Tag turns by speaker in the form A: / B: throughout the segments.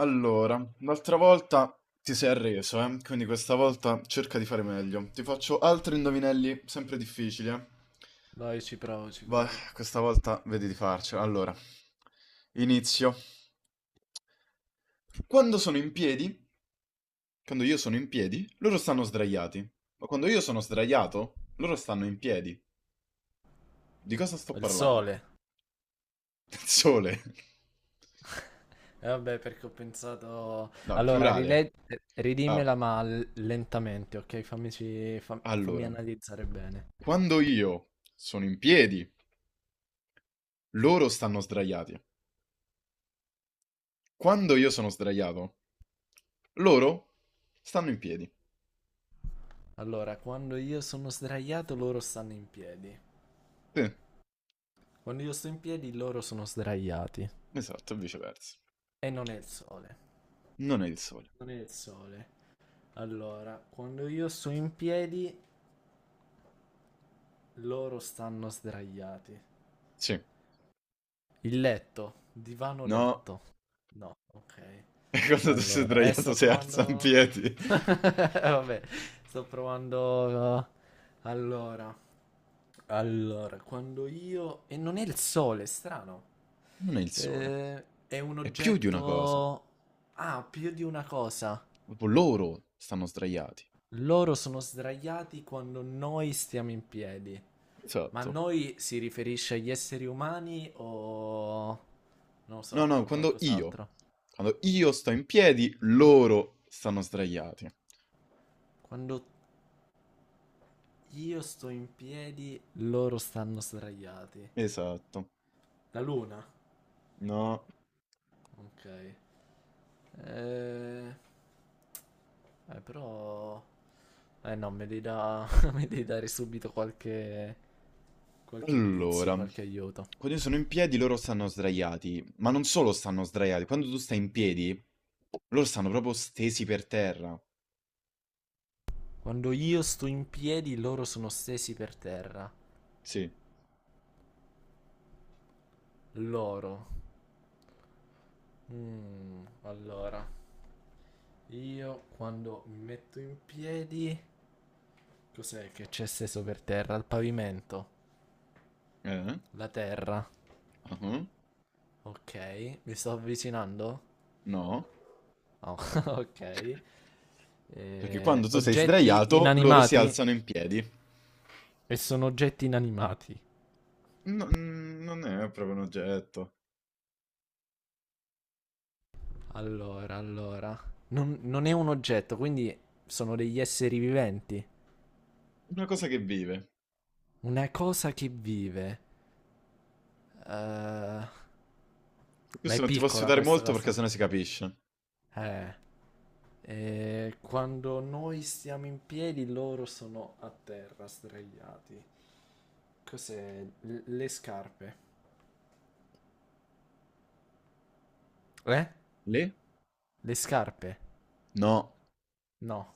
A: Allora, l'altra volta ti sei arreso, eh? Quindi questa volta cerca di fare meglio. Ti faccio altri indovinelli sempre difficili, eh?
B: No, io ci provo, ci
A: Vai,
B: provo.
A: questa volta vedi di farcela. Allora, inizio. Quando sono in piedi, quando io sono in piedi, loro stanno sdraiati. Ma quando io sono sdraiato, loro stanno in piedi. Di cosa sto
B: Il
A: parlando?
B: sole.
A: Del sole.
B: E vabbè, perché ho pensato...
A: No, è
B: Allora,
A: plurale. Ah,
B: ridimmela ma lentamente, ok? Fammi
A: allora,
B: analizzare bene.
A: quando io sono in piedi, loro stanno sdraiati. Quando io sono sdraiato, loro stanno in piedi.
B: Allora, quando io sono sdraiato, loro stanno in piedi.
A: Sì,
B: Quando io sto in piedi, loro sono sdraiati.
A: esatto, viceversa.
B: E non è il sole.
A: Non è il sole.
B: Non è il sole. Allora, quando io sto in piedi, loro stanno sdraiati.
A: Sì.
B: Il letto, divano
A: No,
B: letto. No, ok.
A: e quando tu sei
B: Allora,
A: sdraiato
B: sto
A: si alza in
B: provando.
A: piedi.
B: Vabbè, sto provando. uh, Allora, quando io. E non è il sole, è strano.
A: Non è il sole.
B: È un
A: È più di una cosa.
B: oggetto. Ah, più di una cosa.
A: Proprio loro stanno sdraiati.
B: Loro sono sdraiati quando noi stiamo in piedi. Ma
A: Esatto.
B: noi si riferisce agli esseri umani o. Non lo
A: No,
B: so,
A: no,
B: a
A: quando io,
B: qualcos'altro.
A: quando io sto in piedi, loro stanno sdraiati.
B: Quando io sto in piedi, loro stanno sdraiati.
A: Esatto.
B: La luna?
A: No,
B: Ok. Eh, però... Eh no, mi devi dare subito qualche... qualche
A: allora,
B: indizio, qualche aiuto.
A: quando io sono in piedi loro stanno sdraiati, ma non solo stanno sdraiati, quando tu stai in piedi loro stanno proprio stesi per terra.
B: Quando io sto in piedi, loro sono stesi per terra.
A: Sì.
B: Loro. Mm, allora, io quando mi metto in piedi... Cos'è che c'è steso per terra? Il pavimento.
A: Eh?
B: La terra.
A: Ah,
B: Ok, mi sto avvicinando?
A: no,
B: Oh, ok.
A: perché quando tu sei
B: Oggetti
A: sdraiato loro si
B: inanimati?
A: alzano in piedi.
B: E sono oggetti inanimati.
A: No, non è proprio un oggetto,
B: Allora. Non è un oggetto, quindi sono degli esseri viventi.
A: è una cosa che vive.
B: Una cosa che vive. Eh,
A: Su
B: ma
A: questo
B: è
A: non ti posso
B: piccola
A: aiutare
B: questa
A: molto perché
B: cosa.
A: sennò si capisce.
B: Eh. Quando noi stiamo in piedi, loro sono a terra, sdraiati. Cos'è? Le scarpe. Eh?
A: Le?
B: Le scarpe?
A: No,
B: No.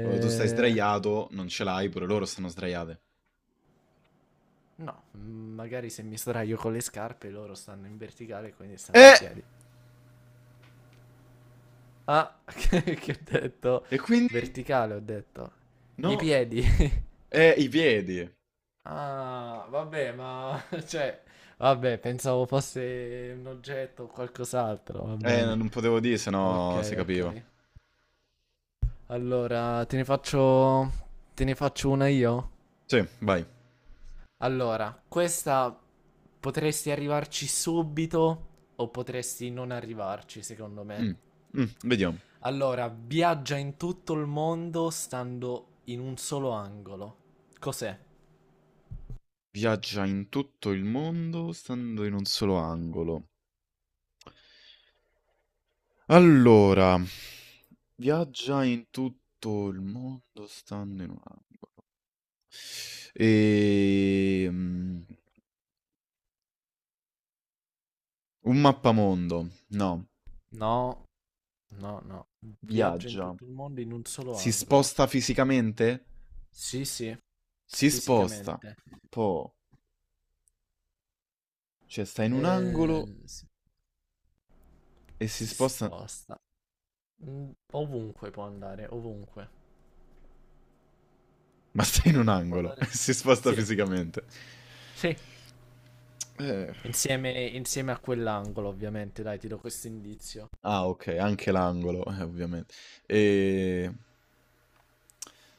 A: quando tu stai sdraiato non ce l'hai, pure loro stanno sdraiate.
B: no, mm, magari se mi sdraio con le scarpe loro stanno in verticale, quindi stanno in
A: Eh!
B: piedi. Ah, che ho detto?
A: E quindi?
B: Verticale ho detto. I
A: No,
B: piedi.
A: è i piedi.
B: Ah, vabbè, ma cioè, vabbè, pensavo fosse un oggetto o qualcos'altro, va
A: No,
B: bene.
A: non potevo dire, se no si
B: Ok,
A: capiva.
B: ok. Allora, te ne faccio una io?
A: Sì, vai.
B: Allora, questa potresti arrivarci subito o potresti non arrivarci, secondo me.
A: Mm, mm, vediamo.
B: Allora, viaggia in tutto il mondo stando in un solo angolo. Cos'è?
A: Viaggia in tutto il mondo stando in un solo angolo. Allora, viaggia in tutto il mondo stando in un angolo. E... un mappamondo. No.
B: No, no, no. Viaggia in
A: Viaggia.
B: tutto il mondo in un solo
A: Si
B: angolo.
A: sposta fisicamente?
B: Sì, sì,
A: Si sposta.
B: fisicamente.
A: Po. Cioè, sta in un angolo
B: Si,
A: e si
B: si
A: sposta...
B: sposta. Mm, ovunque può andare, ovunque.
A: Ma sta in un
B: Può
A: angolo e
B: andare.
A: si sposta
B: Sì,
A: fisicamente.
B: sì.
A: Eh.
B: Insieme a quell'angolo, ovviamente. Dai, ti do questo indizio.
A: Ah, ok, anche l'angolo, ovviamente. E...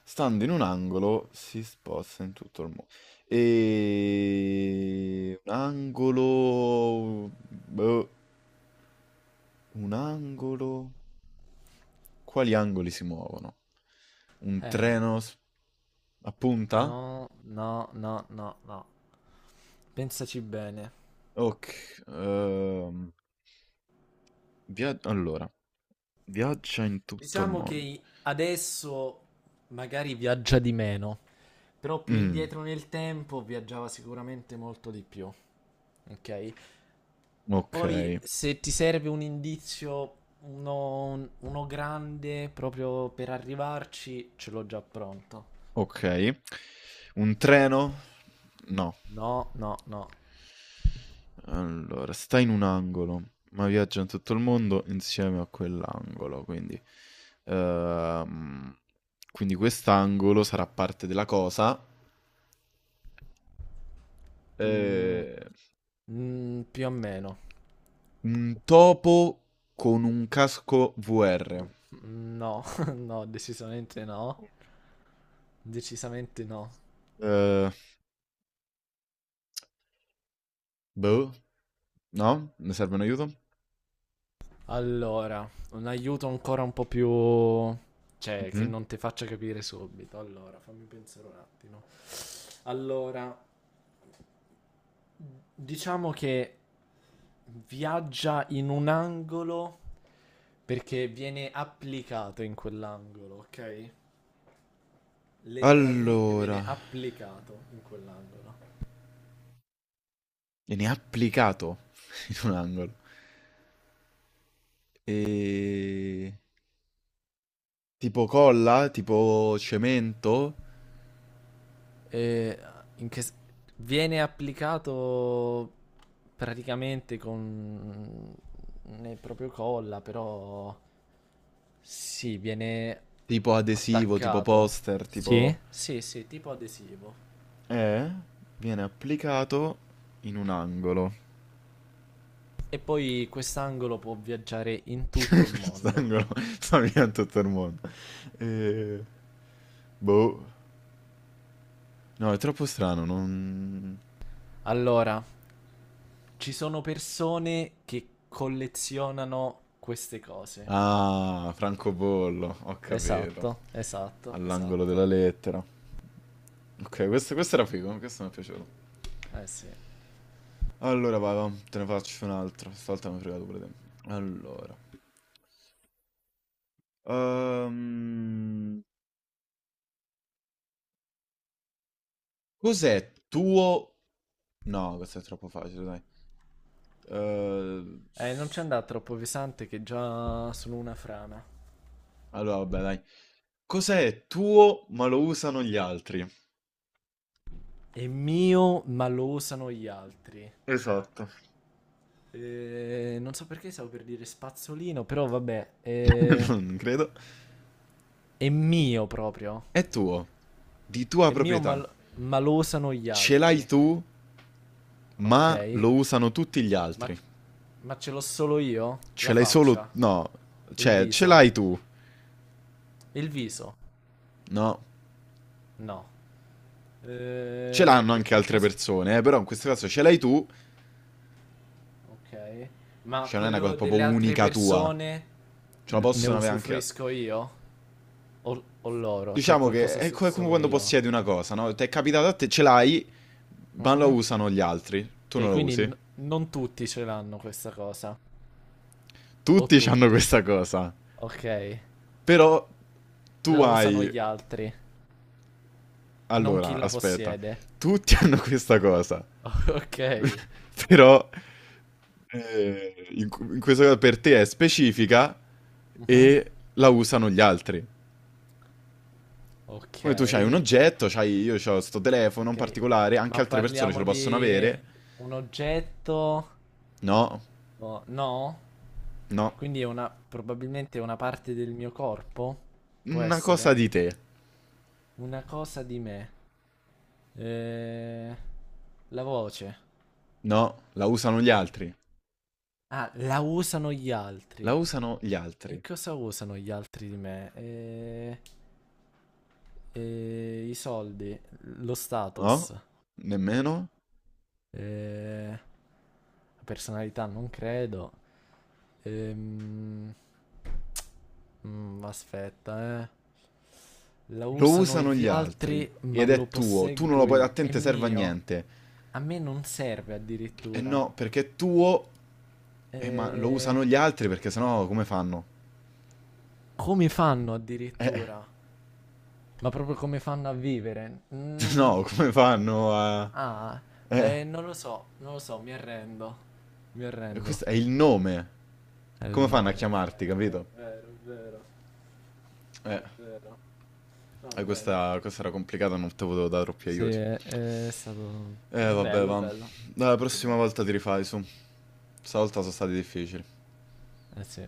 A: Stando in un angolo si sposta in tutto il mondo. E... Un angolo... boh, un angolo... Quali angoli si muovono? Un
B: Eh,
A: treno s- a punta?
B: no, no, no, no, no. Pensaci bene.
A: Ok. Via- allora, viaggia in tutto il
B: Diciamo
A: mondo.
B: che adesso magari viaggia di meno, però più
A: Mm,
B: indietro nel tempo viaggiava sicuramente molto di più. Ok?
A: ok.
B: Poi se ti serve un indizio, uno grande proprio per arrivarci, ce l'ho già pronto.
A: Okay. Un treno? No.
B: No, no, no.
A: Allora, sta in un angolo, ma viaggia in tutto il mondo insieme a quell'angolo, quindi ehm, quindi quest'angolo sarà parte della cosa.
B: Mm,
A: Ehm,
B: mm, più o meno.
A: un topo con un casco VR.
B: Mm, no, no, decisamente no. Decisamente no.
A: Ehm, boh. No? Ne serve un aiuto?
B: Allora, un aiuto ancora un po' più... Cioè, che
A: Mh-mh.
B: non ti faccia capire subito. Allora, fammi pensare un attimo. Allora, diciamo che viaggia in un angolo perché viene applicato in quell'angolo, ok? Letteralmente viene
A: Allora,
B: applicato in quell'angolo.
A: e ne ha applicato in un angolo. E tipo colla? Tipo cemento?
B: E in che... s- Viene applicato praticamente con... nel proprio colla, però... Sì, viene
A: Tipo adesivo? Tipo
B: attaccato.
A: poster?
B: Sì?
A: Tipo...
B: Sì, sì, tipo adesivo.
A: Eh? Viene applicato in un angolo.
B: E poi quest'angolo può viaggiare in tutto il mondo.
A: Quest'angolo sta via tutto il mondo. Eh, boh. No, è troppo strano, non...
B: Allora, ci sono persone che collezionano queste cose.
A: Ah, francobollo, ho capito.
B: Esatto, esatto,
A: All'angolo
B: esatto.
A: della lettera. Ok, questo era figo, questo mi è piaciuto.
B: Eh sì.
A: Allora, vai, va, te ne faccio un altro. Stavolta mi hai fregato pure te. Allora. Ehm, cos'è tuo... No, questo è troppo facile, dai. Ehm,
B: Non c'è
A: s-
B: andare troppo pesante che già sono una frana.
A: allora, vabbè, dai. Cos'è tuo ma lo usano gli altri?
B: È mio, ma lo usano gli altri.
A: Esatto.
B: Non so perché stavo per dire spazzolino, però vabbè.
A: Non credo.
B: È mio proprio.
A: È tuo, di tua
B: E
A: proprietà.
B: malosano gli
A: Ce l'hai
B: altri.
A: tu, ma
B: Ok?
A: lo usano tutti gli
B: Ma,
A: altri.
B: ma ce l'ho solo io?
A: Ce
B: La
A: l'hai solo...
B: faccia?
A: No,
B: Il
A: cioè, ce
B: viso?
A: l'hai tu.
B: Il viso?
A: No,
B: No.
A: ce l'hanno anche altre
B: Qualcosa...
A: persone, però in questo caso ce l'hai tu,
B: Ok. Ma
A: cioè non è una cosa
B: quello
A: proprio
B: delle altre
A: unica tua.
B: persone
A: Ce la
B: ne
A: possono avere anche... altri.
B: usufruisco io? O loro? Cioè
A: Diciamo che
B: qualcosa
A: è
B: se
A: co- è come
B: solo
A: quando
B: io?
A: possiedi una cosa, no? Ti è capitato a te, ce l'hai, ma lo
B: Mhm.
A: usano gli altri, tu
B: Ok,
A: non lo usi.
B: non tutti ce l'hanno questa cosa. O
A: Tutti hanno
B: tutti.
A: questa cosa,
B: Ok.
A: però tu
B: La usano
A: hai...
B: gli altri, non chi
A: Allora,
B: la
A: aspetta,
B: possiede.
A: tutti hanno questa cosa,
B: Ok,
A: però in questo caso per te è specifica
B: mhm.
A: e la usano gli altri.
B: ok,
A: Come tu c'hai un oggetto, c'hai, io ho sto telefono in
B: ok.
A: particolare, anche
B: Ma
A: altre persone ce
B: parliamo
A: lo possono
B: di
A: avere.
B: un oggetto?
A: No,
B: No?
A: no,
B: Quindi è una, probabilmente è una parte del mio corpo? Può
A: una cosa
B: essere?
A: di te.
B: Una cosa di me. Eh, la voce.
A: No, la usano gli altri.
B: Ah, la usano gli
A: La
B: altri.
A: usano gli
B: E
A: altri.
B: cosa usano gli altri di me? I soldi, lo
A: No?
B: status.
A: Nemmeno?
B: Eh, Personalità non credo. Ehm... aspetta, eh. La
A: Lo
B: usano
A: usano
B: gli
A: gli altri.
B: altri, ma
A: Ed
B: lo
A: è tuo. Tu non lo
B: posseggo
A: puoi... A
B: io.
A: te non
B: È
A: te serve a
B: mio.
A: niente.
B: A me non serve
A: Eh
B: addirittura.
A: no, perché è tuo... ma lo
B: Eh,
A: usano gli altri perché sennò come fanno?
B: Come fanno
A: Eh...
B: addirittura? Ma proprio come fanno a vivere? Mm,
A: No, come fanno a...
B: ah,
A: Eh...
B: non lo so, non lo so, mi arrendo. Mi arrendo.
A: Questo è il nome.
B: È il
A: Come fanno a
B: nome,
A: chiamarti,
B: è
A: capito?
B: vero, è vero, è vero.
A: Eh...
B: È vero. Va bene.
A: Questa, questa era complicata, non te potevo dare troppi
B: Sì,
A: aiuti.
B: è stato
A: Vabbè,
B: bello,
A: va.
B: bello.
A: Dai, la
B: Sempre
A: prossima
B: bello.
A: volta ti rifai su. Stavolta sono stati difficili.
B: Eh sì.